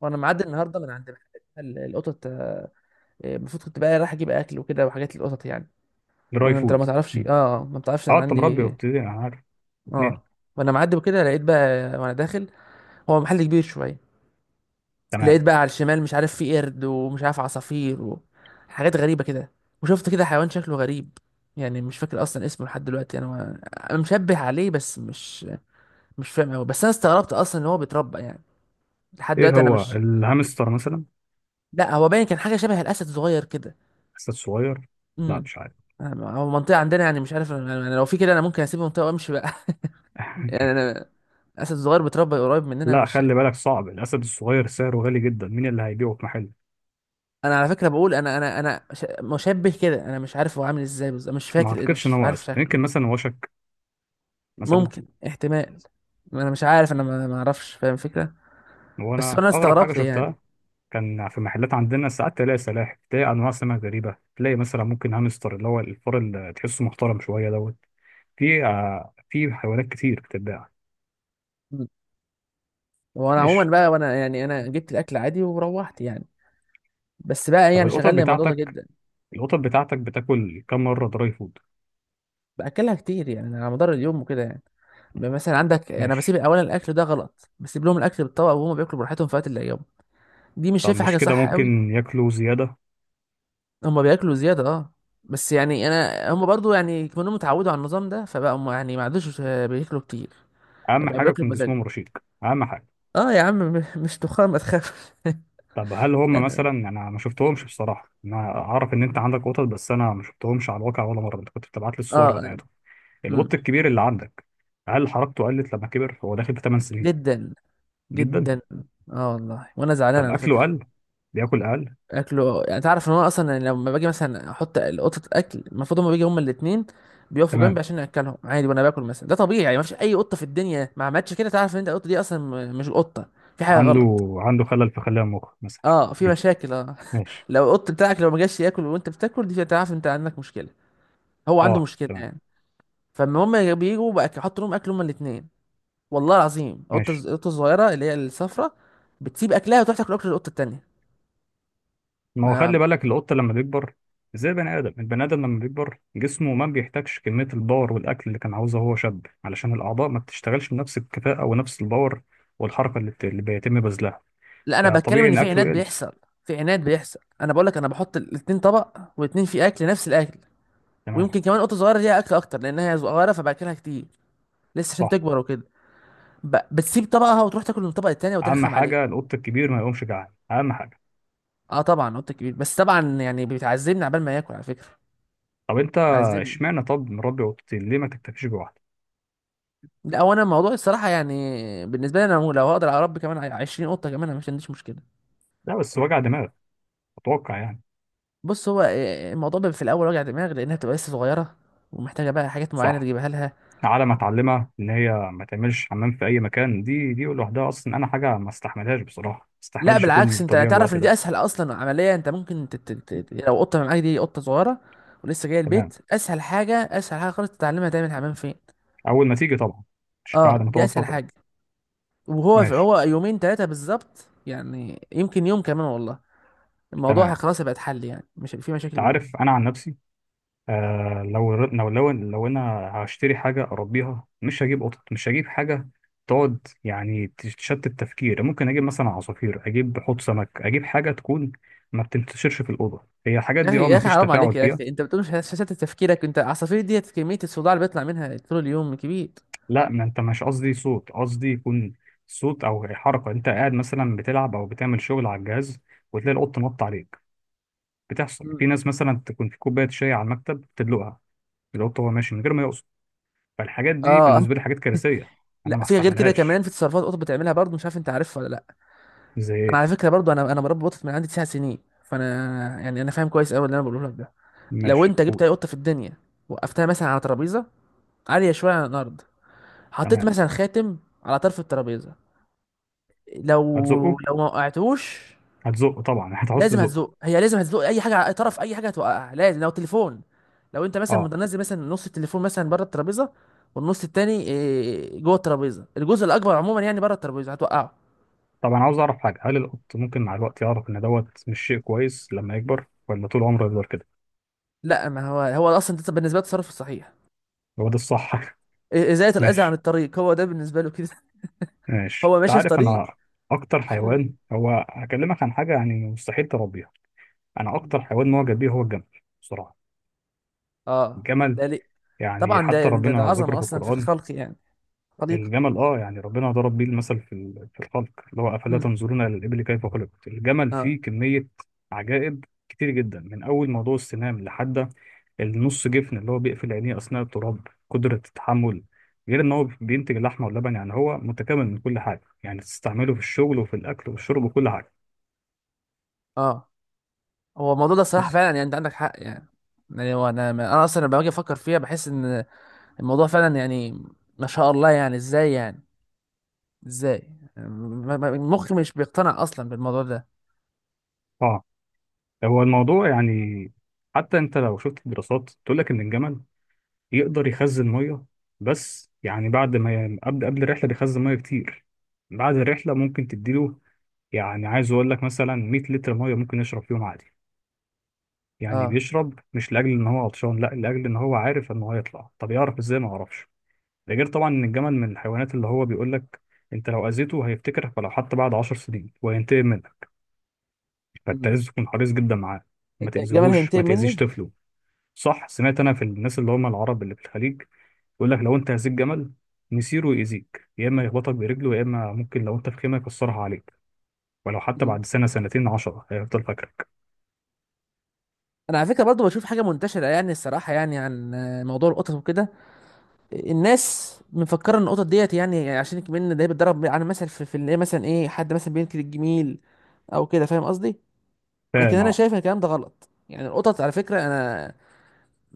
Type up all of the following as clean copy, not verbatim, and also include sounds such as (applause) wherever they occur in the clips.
وانا معدي النهارده من عند محل القطط، المفروض كنت بقى رايح اجيب اكل وكده وحاجات للقطط يعني. دراي انت لو فود. ما تعرفش، مم. ما بتعرفش اه، انا انت مربي عندي. وبتدي، انا عارف. اتنين. اه وانا معدي وكده لقيت بقى وانا داخل، هو محل كبير شويه. لقيت تمام. بقى على الشمال، مش عارف في قرد ومش عارف عصافير وحاجات غريبه كده، وشفت كده حيوان شكله غريب. يعني مش فاكر اصلا اسمه لحد دلوقتي انا انا مشبه عليه، بس مش فاهم قوي. بس انا استغربت اصلا ان هو بيتربى يعني. لحد ايه دلوقتي انا هو مش. الهامستر مثلا؟ لا، هو باين كان حاجه شبه الاسد صغير كده. اسد صغير؟ لا امم. مش عارف. هو المنطقة عندنا، يعني مش عارف انا، لو في كده انا ممكن اسيب المنطقة وامشي بقى. (laughs) يعني (laughs) انا، اسد صغير بيتربى قريب مننا، انا لا مش شايف. خلي بالك، صعب الاسد الصغير سعره غالي جدا، مين اللي هيبيعه في محل؟ انا على فكرة بقول مشبه كده، انا مش عارف هو عامل ازاي بالظبط، مش ما فاكر اعتقدش ان مش هو عارف اسد، شكله. يمكن مثلا وشك مثلا. ممكن احتمال. انا مش عارف، انا ما اعرفش فاهم الفكرة. بس وانا انا اغرب حاجه استغربت يعني. شفتها، كان في محلات عندنا ساعات تلاقي سلاحف، تلاقي انواع سمك غريبه، تلاقي مثلا ممكن هامستر اللي هو الفار اللي تحسه محترم شويه دوت. في في حيوانات كتير بتتباع. مم. وانا عموما ماشي. بقى وانا يعني انا جبت الاكل عادي وروحت يعني. بس بقى طب يعني القطط شغلني الموضوع ده بتاعتك، جدا. القطط بتاعتك بتاكل كم مره دراي فود؟ باكلها كتير يعني، على مدار اليوم وكده يعني. مثلا عندك، انا بسيب ماشي. اولا، الاكل ده غلط، بسيب لهم الاكل بالطبق وهم بياكلوا براحتهم في وقت اللي يوم. دي مش طب شايفه مش حاجه كده صح قوي. ممكن ياكلوا زيادة؟ هم بياكلوا زياده، اه. بس يعني انا هم برضو يعني كانوا اتعودوا على النظام ده، فبقى هم يعني ما عادوش بياكلوا كتير. أهم يبقى حاجة بياكلوا يكون بمزاج. جسمهم رشيق، أهم حاجة. اه يا عم، مش تخان، ما تخافش. (laughs) طب هل لا هم انا. مثلا، أنا ما شفتهمش بصراحة، أنا أعرف إن أنت عندك قطط بس أنا ما شفتهمش على الواقع ولا مرة، أنت كنت بتبعت لي اه، الصور أيوة. بتاعتهم. امم. القط الكبير اللي عندك، هل حركته قلت لما كبر؟ هو داخل في 8 سنين. جدا. جدا. جدا. اه والله وانا زعلان طب على أكله فكره. قل؟ بياكل أقل؟ اكله، يعني تعرف ان هو اصلا يعني لما باجي مثلا احط قطه الاكل المفروض هما بيجي هما الاثنين، بيقفوا جنبي تمام. عشان اكلهم عادي وانا باكل مثلا. ده طبيعي يعني، مفيش اي قطه في الدنيا ما عملتش كده. تعرف ان انت القطه دي اصلا، مش القطه، في حاجه غلط. عنده، عنده خلل في خلايا المخ مثلا. اه، في (laughs) مشاكل، اه. (laughs) ماشي. لو القط بتاعك لو ما جاش ياكل وانت بتاكل، دي تعرف انت عندك مشكله. هو عنده أه مشكله تمام. يعني. فاما هما بيجوا بقى يحطوا لهم اكل هما الاثنين، والله العظيم القطه ماشي. القطه الصغيره اللي هي الصفراء بتسيب اكلها وتروح تاكل اكل القطه التانيه. ما هو خلي ما بالك، القطة لما بيكبر زي البني آدم، البني آدم لما بيكبر جسمه ما بيحتاجش كمية الباور والأكل اللي كان عاوزها وهو شاب، علشان الأعضاء ما بتشتغلش بنفس الكفاءة ونفس الباور والحركة اللي بيتم بذلها. لا، انا بتكلم فطبيعي ان إن في أكله عناد يقل. بيحصل. في عناد بيحصل، انا بقول لك انا بحط الاتنين طبق، واتنين فيه اكل نفس الاكل. تمام. ويمكن كمان قطه صغيره ليها اكل اكتر لانها صغيره، فباكلها كتير لسه عشان صح. تكبر وكده. بتسيب طبقها وتروح تاكل من الطبق التاني أهم وترخم عليه. حاجة القط الكبير ما يقومش جعان، أهم حاجة. اه طبعا، قطه كبير، بس طبعا يعني بتعذبني عبال ما ياكل على فكره. طب أنت بتعذبني. اشمعنى، طب مربي قطتين ليه ما تكتفيش بواحدة؟ لا، وانا الموضوع الصراحه يعني، بالنسبه لي انا لو هقدر اربي كمان 20 قطه كمان انا مش عنديش مشكله. لا بس وجع دماغ، أتوقع يعني. بص، هو الموضوع بيبقى في الاول وجع دماغ لانها بتبقى لسه صغيره ومحتاجه بقى حاجات معينه صح. تجيبها لها. على ما اتعلمها ان هي ما تعملش حمام في اي مكان، دي لوحدها اصلا انا حاجه ما استحملهاش بصراحه، ما لا استحملش بالعكس، كل انت تضييع تعرف الوقت ان دي ده. اسهل اصلا عمليه. انت ممكن يعني لو قطه معاك دي قطه صغيره ولسه جايه تمام. البيت، اسهل حاجه، اسهل حاجه خالص، تتعلمها تعمل حمام فين. اول ما تيجي طبعا، مش بعد اه، ما دي تقعد اسهل فتره. حاجه. وهو ماشي. هو يومين ثلاثه بالظبط يعني، يمكن يوم كمان والله. الموضوع تمام. خلاص هيبقى اتحل يعني، مش هيبقى في انت مشاكل منه. عارف انا عن نفسي، آه لو انا هشتري حاجه اربيها، مش هجيب قطط، مش هجيب حاجه تقعد يعني تشتت التفكير. ممكن اجيب مثلا عصافير، اجيب حوض سمك، اجيب حاجه تكون ما بتنتشرش في الاوضه. هي الحاجات يا دي اخي، اه يا ما اخي فيش حرام عليك تفاعل يا فيها. اخي، انت بتقول مش شتت تفكيرك؟ انت العصافير دي كميه الصداع اللي بيطلع منها طول اليوم كبير. لا ما انت مش قصدي صوت، قصدي يكون صوت او حركه، انت قاعد مثلا بتلعب او بتعمل شغل على الجهاز، وتلاقي القط نط عليك. بتحصل في مم. ناس مثلا تكون في كوبايه شاي على المكتب تدلقها القط وهو ماشي من غير ما يقصد. فالحاجات دي اه. بالنسبه لي حاجات كارثيه، انا لا، ما في غير كده استحملهاش. كمان في تصرفات قطط بتعملها برضه، مش عارف انت عارفها ولا لا. زي انا ايه؟ على فكره برضو، انا مربي قطط من عندي 9 سنين. فانا يعني انا فاهم كويس قوي اللي انا بقوله لك ده. لو ماشي انت جبت قول. اي قطه في الدنيا، وقفتها مثلا على ترابيزه عاليه شويه عن الارض، حطيت تمام. مثلا خاتم على طرف الترابيزه. لو هتزقه. لو ما وقعتوش، هتزقه طبعا، (laughs) هتعوز لازم تزقه. هتزق. هي لازم هتزق اي حاجه على اي طرف، اي حاجه هتوقعها لازم. لو تليفون، لو انت مثلا اه. منزل مثلا نص التليفون مثلا بره الترابيزه والنص التاني جوه الترابيزه، الجزء الاكبر عموما يعني بره الترابيزه، هتوقعه. طب انا عاوز اعرف حاجه، هل القط ممكن مع الوقت يعرف ان دوت مش شيء كويس لما يكبر، ولا طول عمره يفضل كده؟ لا، ما هو هو اصلا ده بالنسبه لي التصرف الصحيح. هو ده الصح. ازالة (laughs) الاذى عن ماشي. الطريق، هو ده بالنسبة له كده. (laughs) ماشي. هو انت ماشي في عارف طريق، انا اكتر يشيل. حيوان، هو هكلمك عن حاجه يعني مستحيل تربيها، انا اكتر حيوان معجب بيه هو الجمل، بصراحه. اه، الجمل، ده ليه؟ طبعا يعني ده حتى يعني ده ربنا ذكر عظمة في اصلا في القران الخلق يعني. خليقة. الجمل. اه، يعني ربنا ضرب بيه المثل في في الخلق، اللي هو افلا امم. تنظرون الى الابل كيف خلقت. الجمل اه. فيه كميه عجائب كتير جدا، من اول موضوع السنام، لحد النص جفن اللي هو بيقفل عينيه اثناء التراب، قدره التحمل، غير ان هو بينتج اللحمه واللبن. يعني هو متكامل من كل حاجه، يعني تستعمله في الشغل وفي الاكل والشرب وكل حاجه. اه. هو الموضوع ده صراحة بس فعلا، يعني انت عندك حق يعني. يعني هو انا اصلا لما باجي افكر فيها بحس ان الموضوع فعلا يعني، ما شاء الله يعني. ازاي يعني؟ ازاي؟ يعني مخي مش بيقتنع اصلا بالموضوع ده. اه، هو الموضوع يعني، حتى انت لو شفت الدراسات تقول لك ان الجمل يقدر يخزن ميه. بس يعني بعد ما قبل الرحله بيخزن ميه كتير، بعد الرحله ممكن تديله، يعني عايز اقول لك مثلا 100 لتر ميه ممكن يشرب فيهم عادي. يعني اه. بيشرب مش لاجل ان هو عطشان، لا، لاجل ان هو عارف ان هو هيطلع. طب يعرف ازاي؟ ما اعرفش. ده غير طبعا ان الجمل من الحيوانات اللي هو بيقول لك انت لو اذيته هيفتكرك، ولو حتى بعد 10 سنين وينتقم منك. فانت امم. لازم تكون حريص جدا معاه، ما الجمال تأذيهوش، ما هينتقم تأذيش مني؟ طفله. صح سمعت انا في الناس اللي هم العرب اللي في الخليج، يقول لك لو انت هزيت جمل، مسيره يأذيك، يا اما يخبطك برجله، يا اما ممكن لو انت في خيمه يكسرها عليك. ولو حتى امم. بعد سنه، سنتين، عشرة، هيفضل فاكرك. انا على فكرة برضو بشوف حاجة منتشرة يعني، الصراحة يعني عن موضوع القطط وكده. الناس مفكره ان القطط ديت، يعني عشان كمان ده بيتدرب على مثل، في اللي هي مثلا ايه، حد مثلا بينكر الجميل او كده، فاهم قصدي. لكن فاهم انا اه. شايف ان الكلام ده غلط يعني. القطط على فكره، انا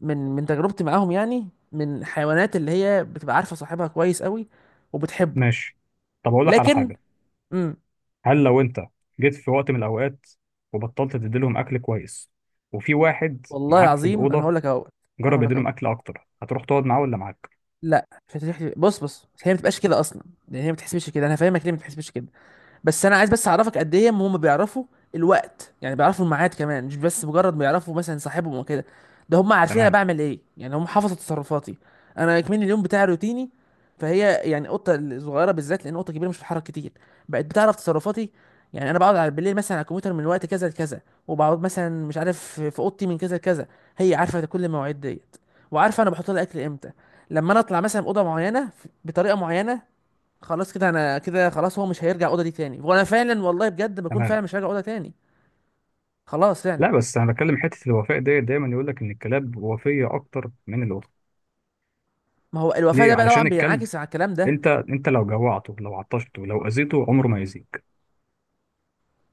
من تجربتي معاهم، يعني من حيوانات اللي هي بتبقى عارفه صاحبها كويس قوي وبتحبه. ماشي. طب اقول لك على لكن. حاجه، امم. هل لو انت جيت في وقت من الاوقات وبطلت تديلهم اكل كويس، وفي واحد والله معاك في العظيم انا الاوضه هقول لك اهو. انا جرب هقول لك اهو. يديلهم اكل اكتر، هتروح تقعد معاه ولا معاك؟ لا، مش هتحكي، بص بص، هي ما بتبقاش كده اصلا. يعني هي ما بتحسبش كده، انا فاهمك ليه ما بتحسبش كده. بس انا عايز بس اعرفك قد ايه هم بيعرفوا الوقت. يعني بيعرفوا الميعاد كمان، مش بس مجرد بيعرفوا مثلا صاحبهم وكده. ده هم عارفين انا تمام. بعمل ايه يعني، هم حافظوا تصرفاتي. انا كمان اليوم بتاعي روتيني. فهي يعني قطه الصغيره بالذات، لان قطه كبيره مش بتتحرك كتير، بقت بتعرف تصرفاتي. يعني انا بقعد على بالليل مثلا على الكمبيوتر من وقت كذا لكذا، وبقعد مثلا مش عارف في اوضتي من كذا لكذا. هي عارفه كل المواعيد ديت، وعارفه انا بحط لها اكل امتى. لما انا اطلع مثلا اوضه معينه بطريقه معينه، خلاص كده، انا كده خلاص هو مش هيرجع الاوضه دي تاني، وانا فعلا والله بجد بكون تمام. فعلا مش هرجع الاوضه تاني. خلاص لا فعلا. بس انا بتكلم حته الوفاء ديت، دايما يقول لك ان الكلاب وفيه اكتر من القطط. ما هو الوفاء ده ليه؟ بقى طبعا علشان الكلب بينعكس على الكلام ده. انت، انت لو جوعته، لو عطشته، لو اذيته، عمره ما يأذيك.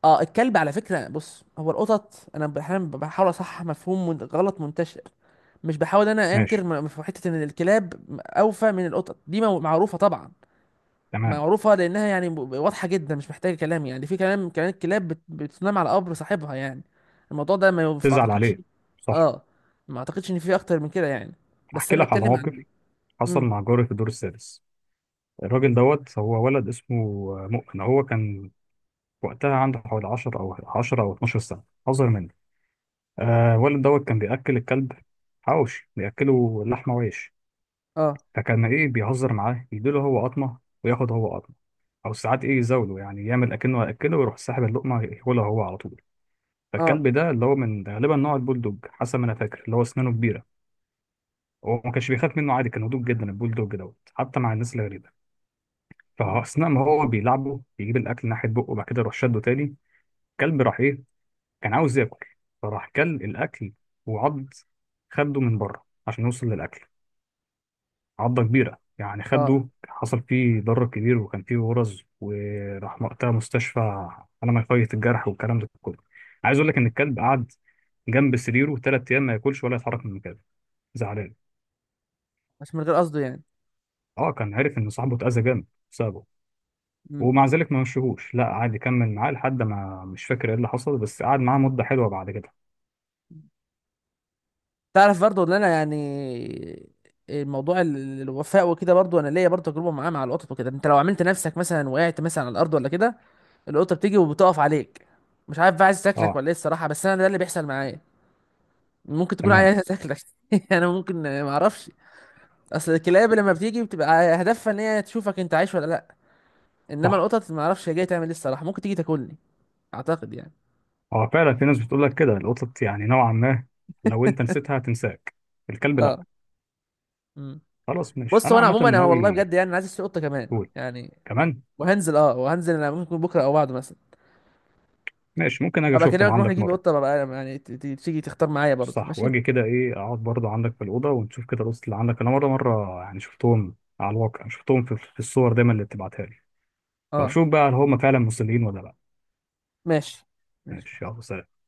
اه، الكلب على فكره، بص، هو القطط انا احيانا بحاول اصحح مفهوم غلط منتشر. مش بحاول انا انكر، ماشي. في حته ان الكلاب اوفى من القطط، دي معروفه طبعا. تمام. معروفة لأنها يعني واضحة جدا، مش محتاجة كلام. يعني في كلام كمان، كلاب بتنام على قبر صاحبها يعني. الموضوع ده ما تزعل أعتقدش. عليه. صح. اه. ما أعتقدش إن في أكتر من كده يعني. بس احكي أنا لك على بتكلم عن موقف حصل مم. مع جاري في الدور السادس. الراجل دوت، هو ولد اسمه مؤمن، هو كان وقتها عنده حوالي 10 او 10 او 12 سنه، اصغر مني. آه الولد دوت كان بياكل الكلب حواوشي، بياكله لحمه وعيش. اه. فكان ايه بيهزر معاه، يديله هو قطمه وياخد هو قطمه، او ساعات ايه يزاوله، يعني يعمل اكنه هياكله ويروح ساحب اللقمه ياكلها هو على طول. اه. فالكلب ده اللي هو من ده غالبا نوع البولدوج حسب ما انا فاكر، اللي هو اسنانه كبيره. هو ما كانش بيخاف منه عادي، كان هدوء جدا البولدوج دوت حتى مع الناس الغريبه. مم. فاثناء ما هو بيلعبه، يجيب الاكل ناحيه بقه وبعد كده يروح شده تاني. الكلب راح ايه، كان عاوز ياكل، فراح كل الاكل. وعض خده من بره عشان يوصل للاكل، عضة كبيرة يعني. اه. خده حصل فيه ضرر كبير وكان فيه غرز، وراح وقتها مستشفى، على ما يفيض الجرح والكلام ده كله. عايز اقول لك ان الكلب قعد جنب سريره ثلاث ايام، ما ياكلش ولا يتحرك من مكانه، زعلان. بس من غير قصده يعني. اه، كان عارف ان صاحبه اتأذى جامد بسببه. مم. ومع ذلك ما مشيهوش، لا قعد يكمل معاه لحد ما، مش فاكر ايه اللي حصل، بس قعد معاه مدة حلوة بعد كده. تعرف برضو إن أنا يعني، الموضوع الوفاء وكده، برضو أنا ليا برضو تجربة معاه مع القطط وكده. أنت لو عملت نفسك مثلا وقعت مثلا على الأرض ولا كده، القطة بتيجي وبتقف عليك، مش عارف بقى عايز تاكلك اه ولا ايه الصراحة، بس انا ده اللي بيحصل معايا. ممكن تكون تمام. عايزة تاكلك. (laughs) انا ممكن ما اعرفش. اصل الكلاب لما بتيجي بتبقى هدفها ان هي تشوفك انت عايش ولا لا. انما صح. القطط ما اعرفش هي جايه تعمل ايه الصراحه، ممكن تيجي تاكلني. اعتقد يعني. اه فعلا في ناس بتقول لك كده، القطط يعني نوعا ما لو انت نسيتها هتنساك، الكلب لا. اه. امم. خلاص ماشي، بص، انا هو انا عامة عموما، انا والله ناوي. بجد يعني أنا عايز اشتري قطه كمان يعني. كمان. وهنزل. اه، وهنزل انا ممكن بكره او بعده مثلا. ماشي ممكن اجي ابقى اشوفهم اكلمك نروح عندك نجيب مره. قطه بقى يعني، تيجي تختار معايا برضه. صح، ماشي. واجي كده ايه اقعد برضه عندك في الاوضه، ونشوف كده القصه اللي عندك. انا مره، مره يعني شفتهم على الواقع، شفتهم في الصور دايما اللي بتبعتها لي. اه. واشوف بقى هل هم فعلا مصريين ولا لا. ماشي. ماشي. ماشي. يلا سلام.